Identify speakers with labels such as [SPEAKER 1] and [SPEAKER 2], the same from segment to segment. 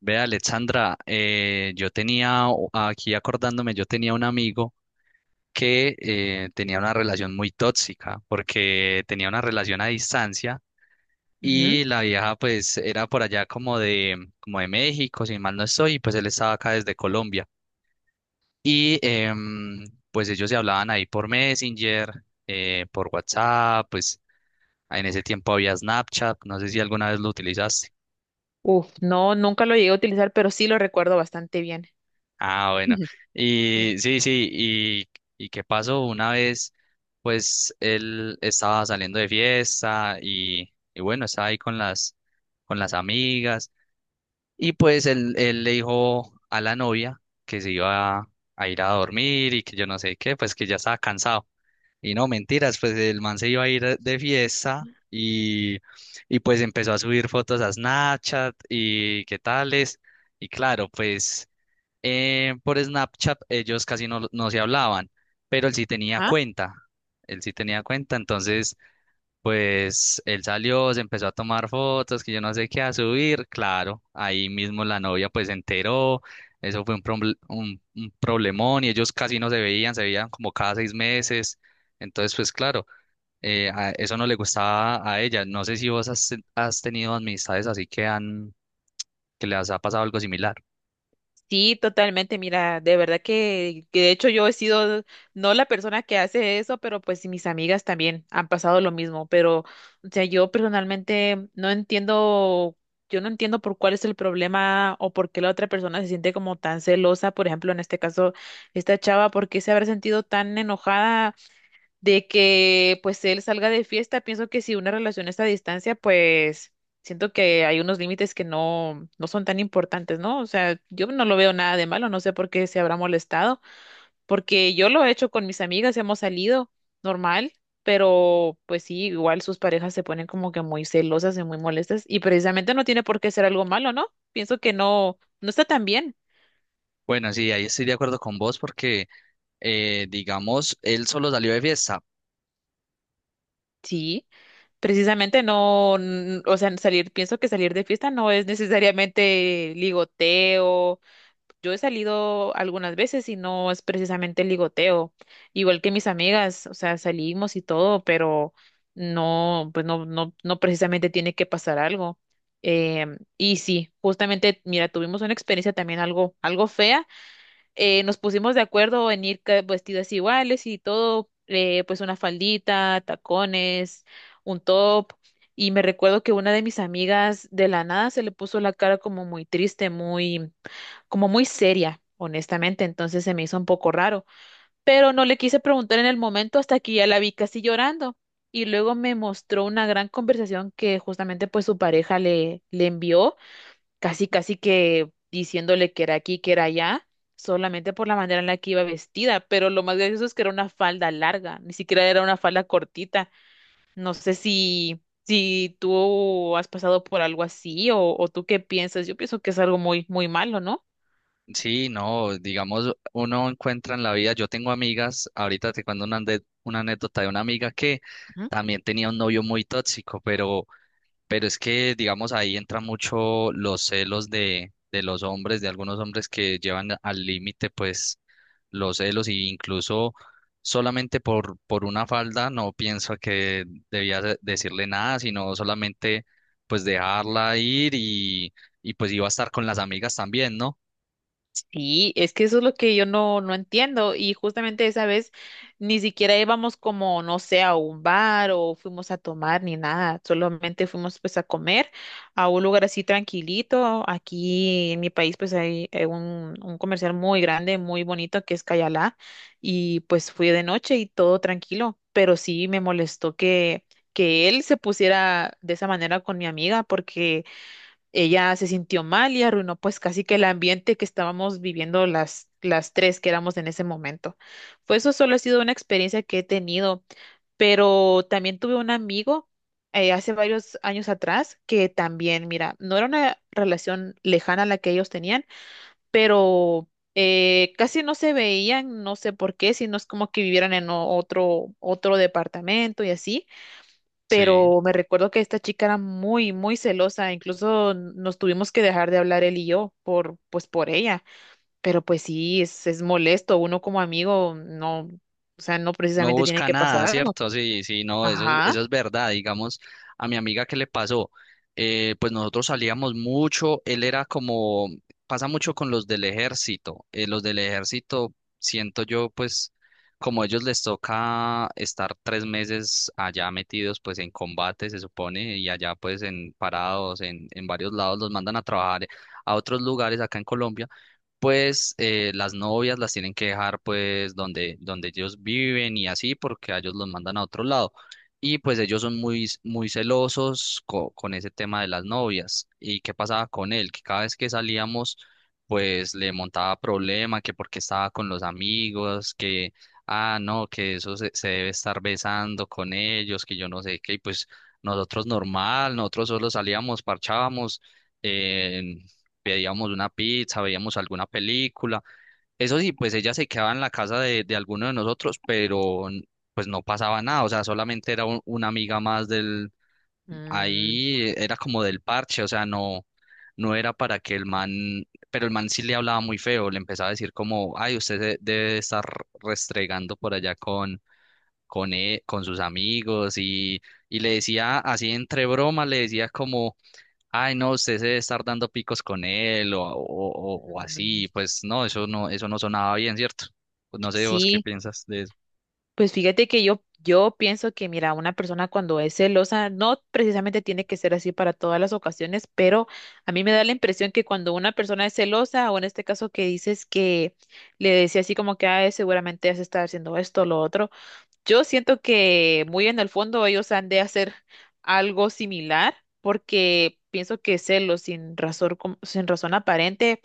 [SPEAKER 1] Ve, Alexandra, yo tenía, aquí acordándome, yo tenía un amigo que tenía una relación muy tóxica porque tenía una relación a distancia
[SPEAKER 2] Ujú.
[SPEAKER 1] y la vieja pues era por allá como de México, si mal no estoy, y pues él estaba acá desde Colombia. Y em, pues ellos se hablaban ahí por Messenger, por WhatsApp. Pues en ese tiempo había Snapchat, no sé si alguna vez lo utilizaste.
[SPEAKER 2] Uf, no, nunca lo llegué a utilizar, pero sí lo recuerdo bastante bien.
[SPEAKER 1] Ah, bueno.
[SPEAKER 2] Ujú. Sí.
[SPEAKER 1] Y sí, sí, y, qué pasó una vez, pues él estaba saliendo de fiesta y bueno, estaba ahí con las amigas y pues él le dijo a la novia que se iba a, ir a dormir y que yo no sé qué, pues que ya estaba cansado. Y no, mentiras, pues el man se iba a ir de fiesta y pues empezó a subir fotos a Snapchat y qué tales. Y claro, pues por Snapchat ellos casi no, no se hablaban, pero él sí tenía
[SPEAKER 2] Ajá.
[SPEAKER 1] cuenta, él sí tenía cuenta, entonces pues él salió, se empezó a tomar fotos, que yo no sé qué, a subir, claro, ahí mismo la novia pues se enteró, eso fue un problemón y ellos casi no se veían, se veían como cada seis meses, entonces pues claro, eso no le gustaba a ella, no sé si vos has tenido amistades así que han, que les ha pasado algo similar.
[SPEAKER 2] Sí, totalmente. Mira, de verdad que, de hecho yo he sido no la persona que hace eso, pero pues sí, mis amigas también han pasado lo mismo. Pero, o sea, yo personalmente no entiendo, yo no entiendo por cuál es el problema o por qué la otra persona se siente como tan celosa. Por ejemplo, en este caso, esta chava, ¿por qué se habrá sentido tan enojada de que pues él salga de fiesta? Pienso que si una relación está a distancia, pues siento que hay unos límites que no son tan importantes, ¿no? O sea, yo no lo veo nada de malo, no sé por qué se habrá molestado, porque yo lo he hecho con mis amigas, hemos salido normal, pero pues sí, igual sus parejas se ponen como que muy celosas y muy molestas y precisamente no tiene por qué ser algo malo, ¿no? Pienso que no, no está tan bien.
[SPEAKER 1] Bueno, sí, ahí estoy de acuerdo con vos porque, digamos, él solo salió de fiesta.
[SPEAKER 2] Sí. Precisamente no, o sea, salir, pienso que salir de fiesta no es necesariamente ligoteo. Yo he salido algunas veces y no es precisamente ligoteo. Igual que mis amigas, o sea, salimos y todo, pero no, pues no, no, no precisamente tiene que pasar algo. Y sí, justamente, mira, tuvimos una experiencia también algo, algo fea, nos pusimos de acuerdo en ir vestidas iguales y todo, pues una faldita, tacones, un top. Y me recuerdo que una de mis amigas de la nada se le puso la cara como muy triste, muy, como muy seria, honestamente. Entonces se me hizo un poco raro. Pero no le quise preguntar en el momento hasta que ya la vi casi llorando. Y luego me mostró una gran conversación que justamente pues su pareja le envió casi, casi que diciéndole que era aquí, que era allá, solamente por la manera en la que iba vestida, pero lo más gracioso es que era una falda larga, ni siquiera era una falda cortita. No sé si, si tú has pasado por algo así o tú qué piensas. Yo pienso que es algo muy, muy malo, ¿no?
[SPEAKER 1] Sí, no, digamos, uno encuentra en la vida, yo tengo amigas, ahorita te cuento una anécdota de una amiga que también tenía un novio muy tóxico. Pero es que, digamos, ahí entra mucho los celos de los hombres, de algunos hombres que llevan al límite, pues, los celos, y incluso solamente por una falda no pienso que debía decirle nada, sino solamente, pues, dejarla ir y pues iba a estar con las amigas también, ¿no?
[SPEAKER 2] Sí, es que eso es lo que yo no, no entiendo. Y justamente esa vez ni siquiera íbamos como, no sé, a un bar o fuimos a tomar ni nada. Solamente fuimos pues a comer a un lugar así tranquilito. Aquí en mi país pues hay un comercial muy grande, muy bonito que es Cayalá. Y pues fui de noche y todo tranquilo. Pero sí me molestó que él se pusiera de esa manera con mi amiga porque ella se sintió mal y arruinó pues casi que el ambiente que estábamos viviendo las tres que éramos en ese momento. Pues eso solo ha sido una experiencia que he tenido, pero también tuve un amigo hace varios años atrás que también, mira, no era una relación lejana la que ellos tenían, pero casi no se veían, no sé por qué, sino es como que vivieran en otro departamento y así,
[SPEAKER 1] Sí,
[SPEAKER 2] pero me recuerdo que esta chica era muy, muy celosa, incluso nos tuvimos que dejar de hablar él y yo por, pues por ella, pero pues sí, es molesto, uno como amigo no, o sea, no
[SPEAKER 1] no
[SPEAKER 2] precisamente tiene
[SPEAKER 1] busca
[SPEAKER 2] que pasar
[SPEAKER 1] nada,
[SPEAKER 2] algo.
[SPEAKER 1] ¿cierto? Sí, sí, no,
[SPEAKER 2] Ajá.
[SPEAKER 1] eso es verdad. Digamos, a mi amiga, ¿qué le pasó? Pues nosotros salíamos mucho, él era como, pasa mucho con los del ejército. Los del ejército, siento yo, pues, como ellos les toca estar tres meses allá metidos, pues, en combate, se supone, y allá, pues, en parados, en varios lados, los mandan a trabajar a otros lugares acá en Colombia. Pues las novias las tienen que dejar pues donde, donde ellos viven y así porque a ellos los mandan a otro lado. Y pues ellos son muy, muy celosos con ese tema de las novias. ¿Y qué pasaba con él? Que cada vez que salíamos pues le montaba problema, que porque estaba con los amigos, que, ah, no, que eso se debe estar besando con ellos, que yo no sé qué, y pues nosotros normal, nosotros solo salíamos, parchábamos, pedíamos una pizza, veíamos alguna película. Eso sí, pues ella se quedaba en la casa de alguno de nosotros, pero pues no pasaba nada, o sea, solamente era una amiga más
[SPEAKER 2] Mm.
[SPEAKER 1] ahí era como del parche, o sea, no, no era para que el man, pero el man sí le hablaba muy feo, le empezaba a decir como, ay, usted debe estar restregando por allá con, con sus amigos, y le decía así entre broma, le decía como, ay, no, usted se debe estar dando picos con él, o
[SPEAKER 2] Mm.
[SPEAKER 1] así. Pues no, eso no, eso no sonaba bien, ¿cierto? Pues no sé vos qué
[SPEAKER 2] Sí.
[SPEAKER 1] piensas de eso.
[SPEAKER 2] Pues fíjate que yo pienso que, mira, una persona cuando es celosa, no precisamente tiene que ser así para todas las ocasiones, pero a mí me da la impresión que cuando una persona es celosa, o en este caso que dices que le decía así como que, ay, seguramente has estado haciendo esto, lo otro. Yo siento que muy en el fondo ellos han de hacer algo similar porque pienso que celos sin razón, sin razón aparente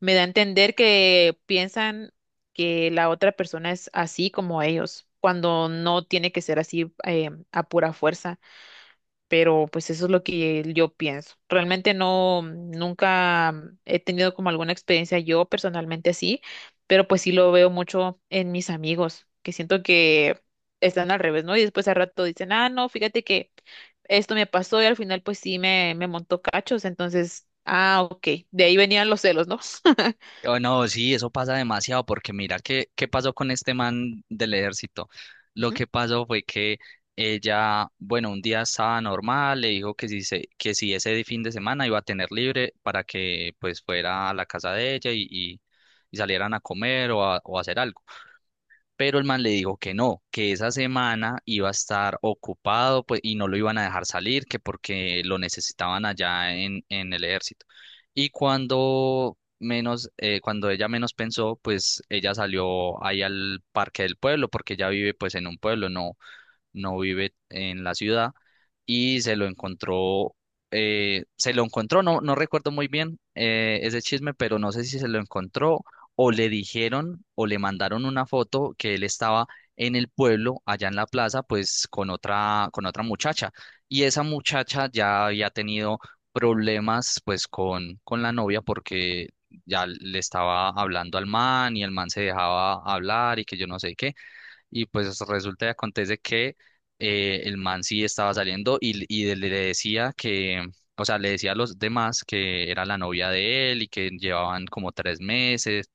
[SPEAKER 2] me da a entender que piensan que la otra persona es así como ellos, cuando no tiene que ser así, a pura fuerza, pero pues eso es lo que yo pienso. Realmente no, nunca he tenido como alguna experiencia yo personalmente así, pero pues sí lo veo mucho en mis amigos, que siento que están al revés, ¿no? Y después al rato dicen, ah, no, fíjate que esto me pasó y al final pues sí me montó cachos, entonces, ah, ok, de ahí venían los celos, ¿no?
[SPEAKER 1] Oh, no, sí, eso pasa demasiado porque mira, ¿qué, qué pasó con este man del ejército? Lo
[SPEAKER 2] Ujú.
[SPEAKER 1] que pasó fue que ella, bueno, un día estaba normal, le dijo que si, se, que si ese fin de semana iba a tener libre para que pues fuera a la casa de ella y salieran a comer o a hacer algo. Pero el man le dijo que no, que esa semana iba a estar ocupado pues, y no lo iban a dejar salir, que porque lo necesitaban allá en el ejército. Y cuando menos, cuando ella menos pensó, pues ella salió ahí al parque del pueblo, porque ella vive pues en un pueblo, no, no vive en la ciudad, y se lo encontró. Se lo encontró, no, no recuerdo muy bien ese chisme, pero no sé si se lo encontró o le dijeron o le mandaron una foto que él estaba en el pueblo, allá en la plaza, pues con otra muchacha. Y esa muchacha ya había tenido problemas pues con la novia porque ya le estaba hablando al man y el man se dejaba hablar y que yo no sé qué. Y pues resulta y acontece que el man sí estaba saliendo y le decía que, o sea, le decía a los demás que era la novia de él y que llevaban como tres meses.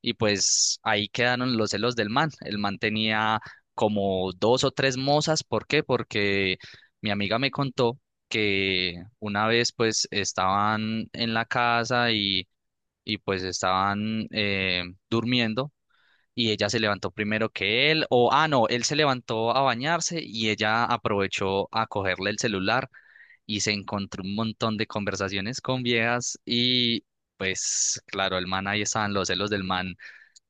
[SPEAKER 1] Y pues ahí quedaron los celos del man. El man tenía como dos o tres mozas. ¿Por qué? Porque mi amiga me contó que una vez pues estaban en la casa y pues estaban durmiendo y ella se levantó primero que él, o ah, no, él se levantó a bañarse y ella aprovechó a cogerle el celular y se encontró un montón de conversaciones con viejas, y pues claro, el man, ahí estaban los celos del man,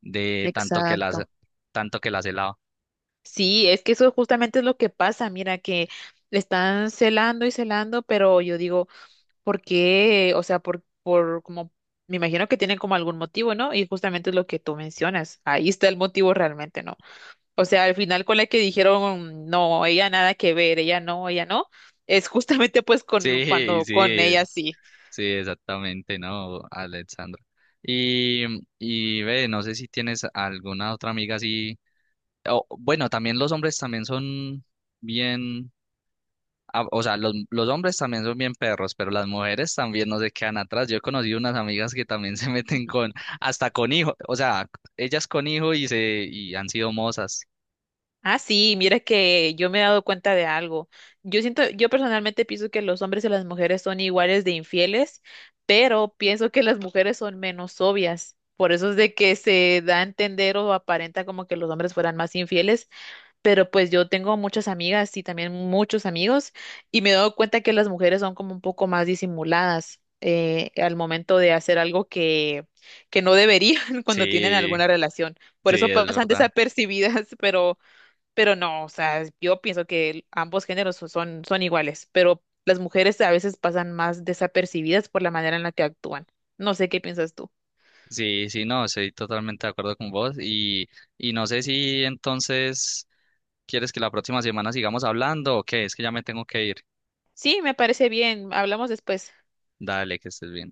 [SPEAKER 1] de
[SPEAKER 2] Exacto.
[SPEAKER 1] tanto que las helaba.
[SPEAKER 2] Sí, es que eso justamente es lo que pasa, mira, que le están celando y celando, pero yo digo... ¿Por qué? O sea, por como, me imagino que tienen como algún motivo, ¿no? Y justamente es lo que tú mencionas. Ahí está el motivo realmente, ¿no? O sea, al final con la que dijeron, no, ella nada que ver, ella no, es justamente pues con
[SPEAKER 1] Sí,
[SPEAKER 2] cuando con
[SPEAKER 1] sí,
[SPEAKER 2] ella sí.
[SPEAKER 1] sí, exactamente, ¿no, Alexandra? Y, y ve, no sé si tienes alguna otra amiga así. O, bueno, también los hombres también son bien, o sea, los hombres también son bien perros, pero las mujeres también no se quedan atrás. Yo he conocido unas amigas que también se meten con, hasta con hijo, o sea, ellas con hijo y han sido mozas.
[SPEAKER 2] Ah, sí, mira que yo me he dado cuenta de algo. Yo siento, yo personalmente pienso que los hombres y las mujeres son iguales de infieles, pero pienso que las mujeres son menos obvias. Por eso es de que se da a entender o aparenta como que los hombres fueran más infieles, pero pues yo tengo muchas amigas y también muchos amigos y me he dado cuenta que las mujeres son como un poco más disimuladas, al momento de hacer algo que no deberían cuando tienen
[SPEAKER 1] Sí,
[SPEAKER 2] alguna relación. Por
[SPEAKER 1] sí,
[SPEAKER 2] eso
[SPEAKER 1] es
[SPEAKER 2] pasan
[SPEAKER 1] verdad.
[SPEAKER 2] desapercibidas, pero no, o sea, yo pienso que ambos géneros son, son iguales, pero las mujeres a veces pasan más desapercibidas por la manera en la que actúan. No sé qué piensas tú.
[SPEAKER 1] Sí, sí, no, estoy totalmente de acuerdo con vos y no sé si entonces quieres que la próxima semana sigamos hablando o qué, es que ya me tengo que ir.
[SPEAKER 2] Sí, me parece bien. Hablamos después.
[SPEAKER 1] Dale, que estés bien.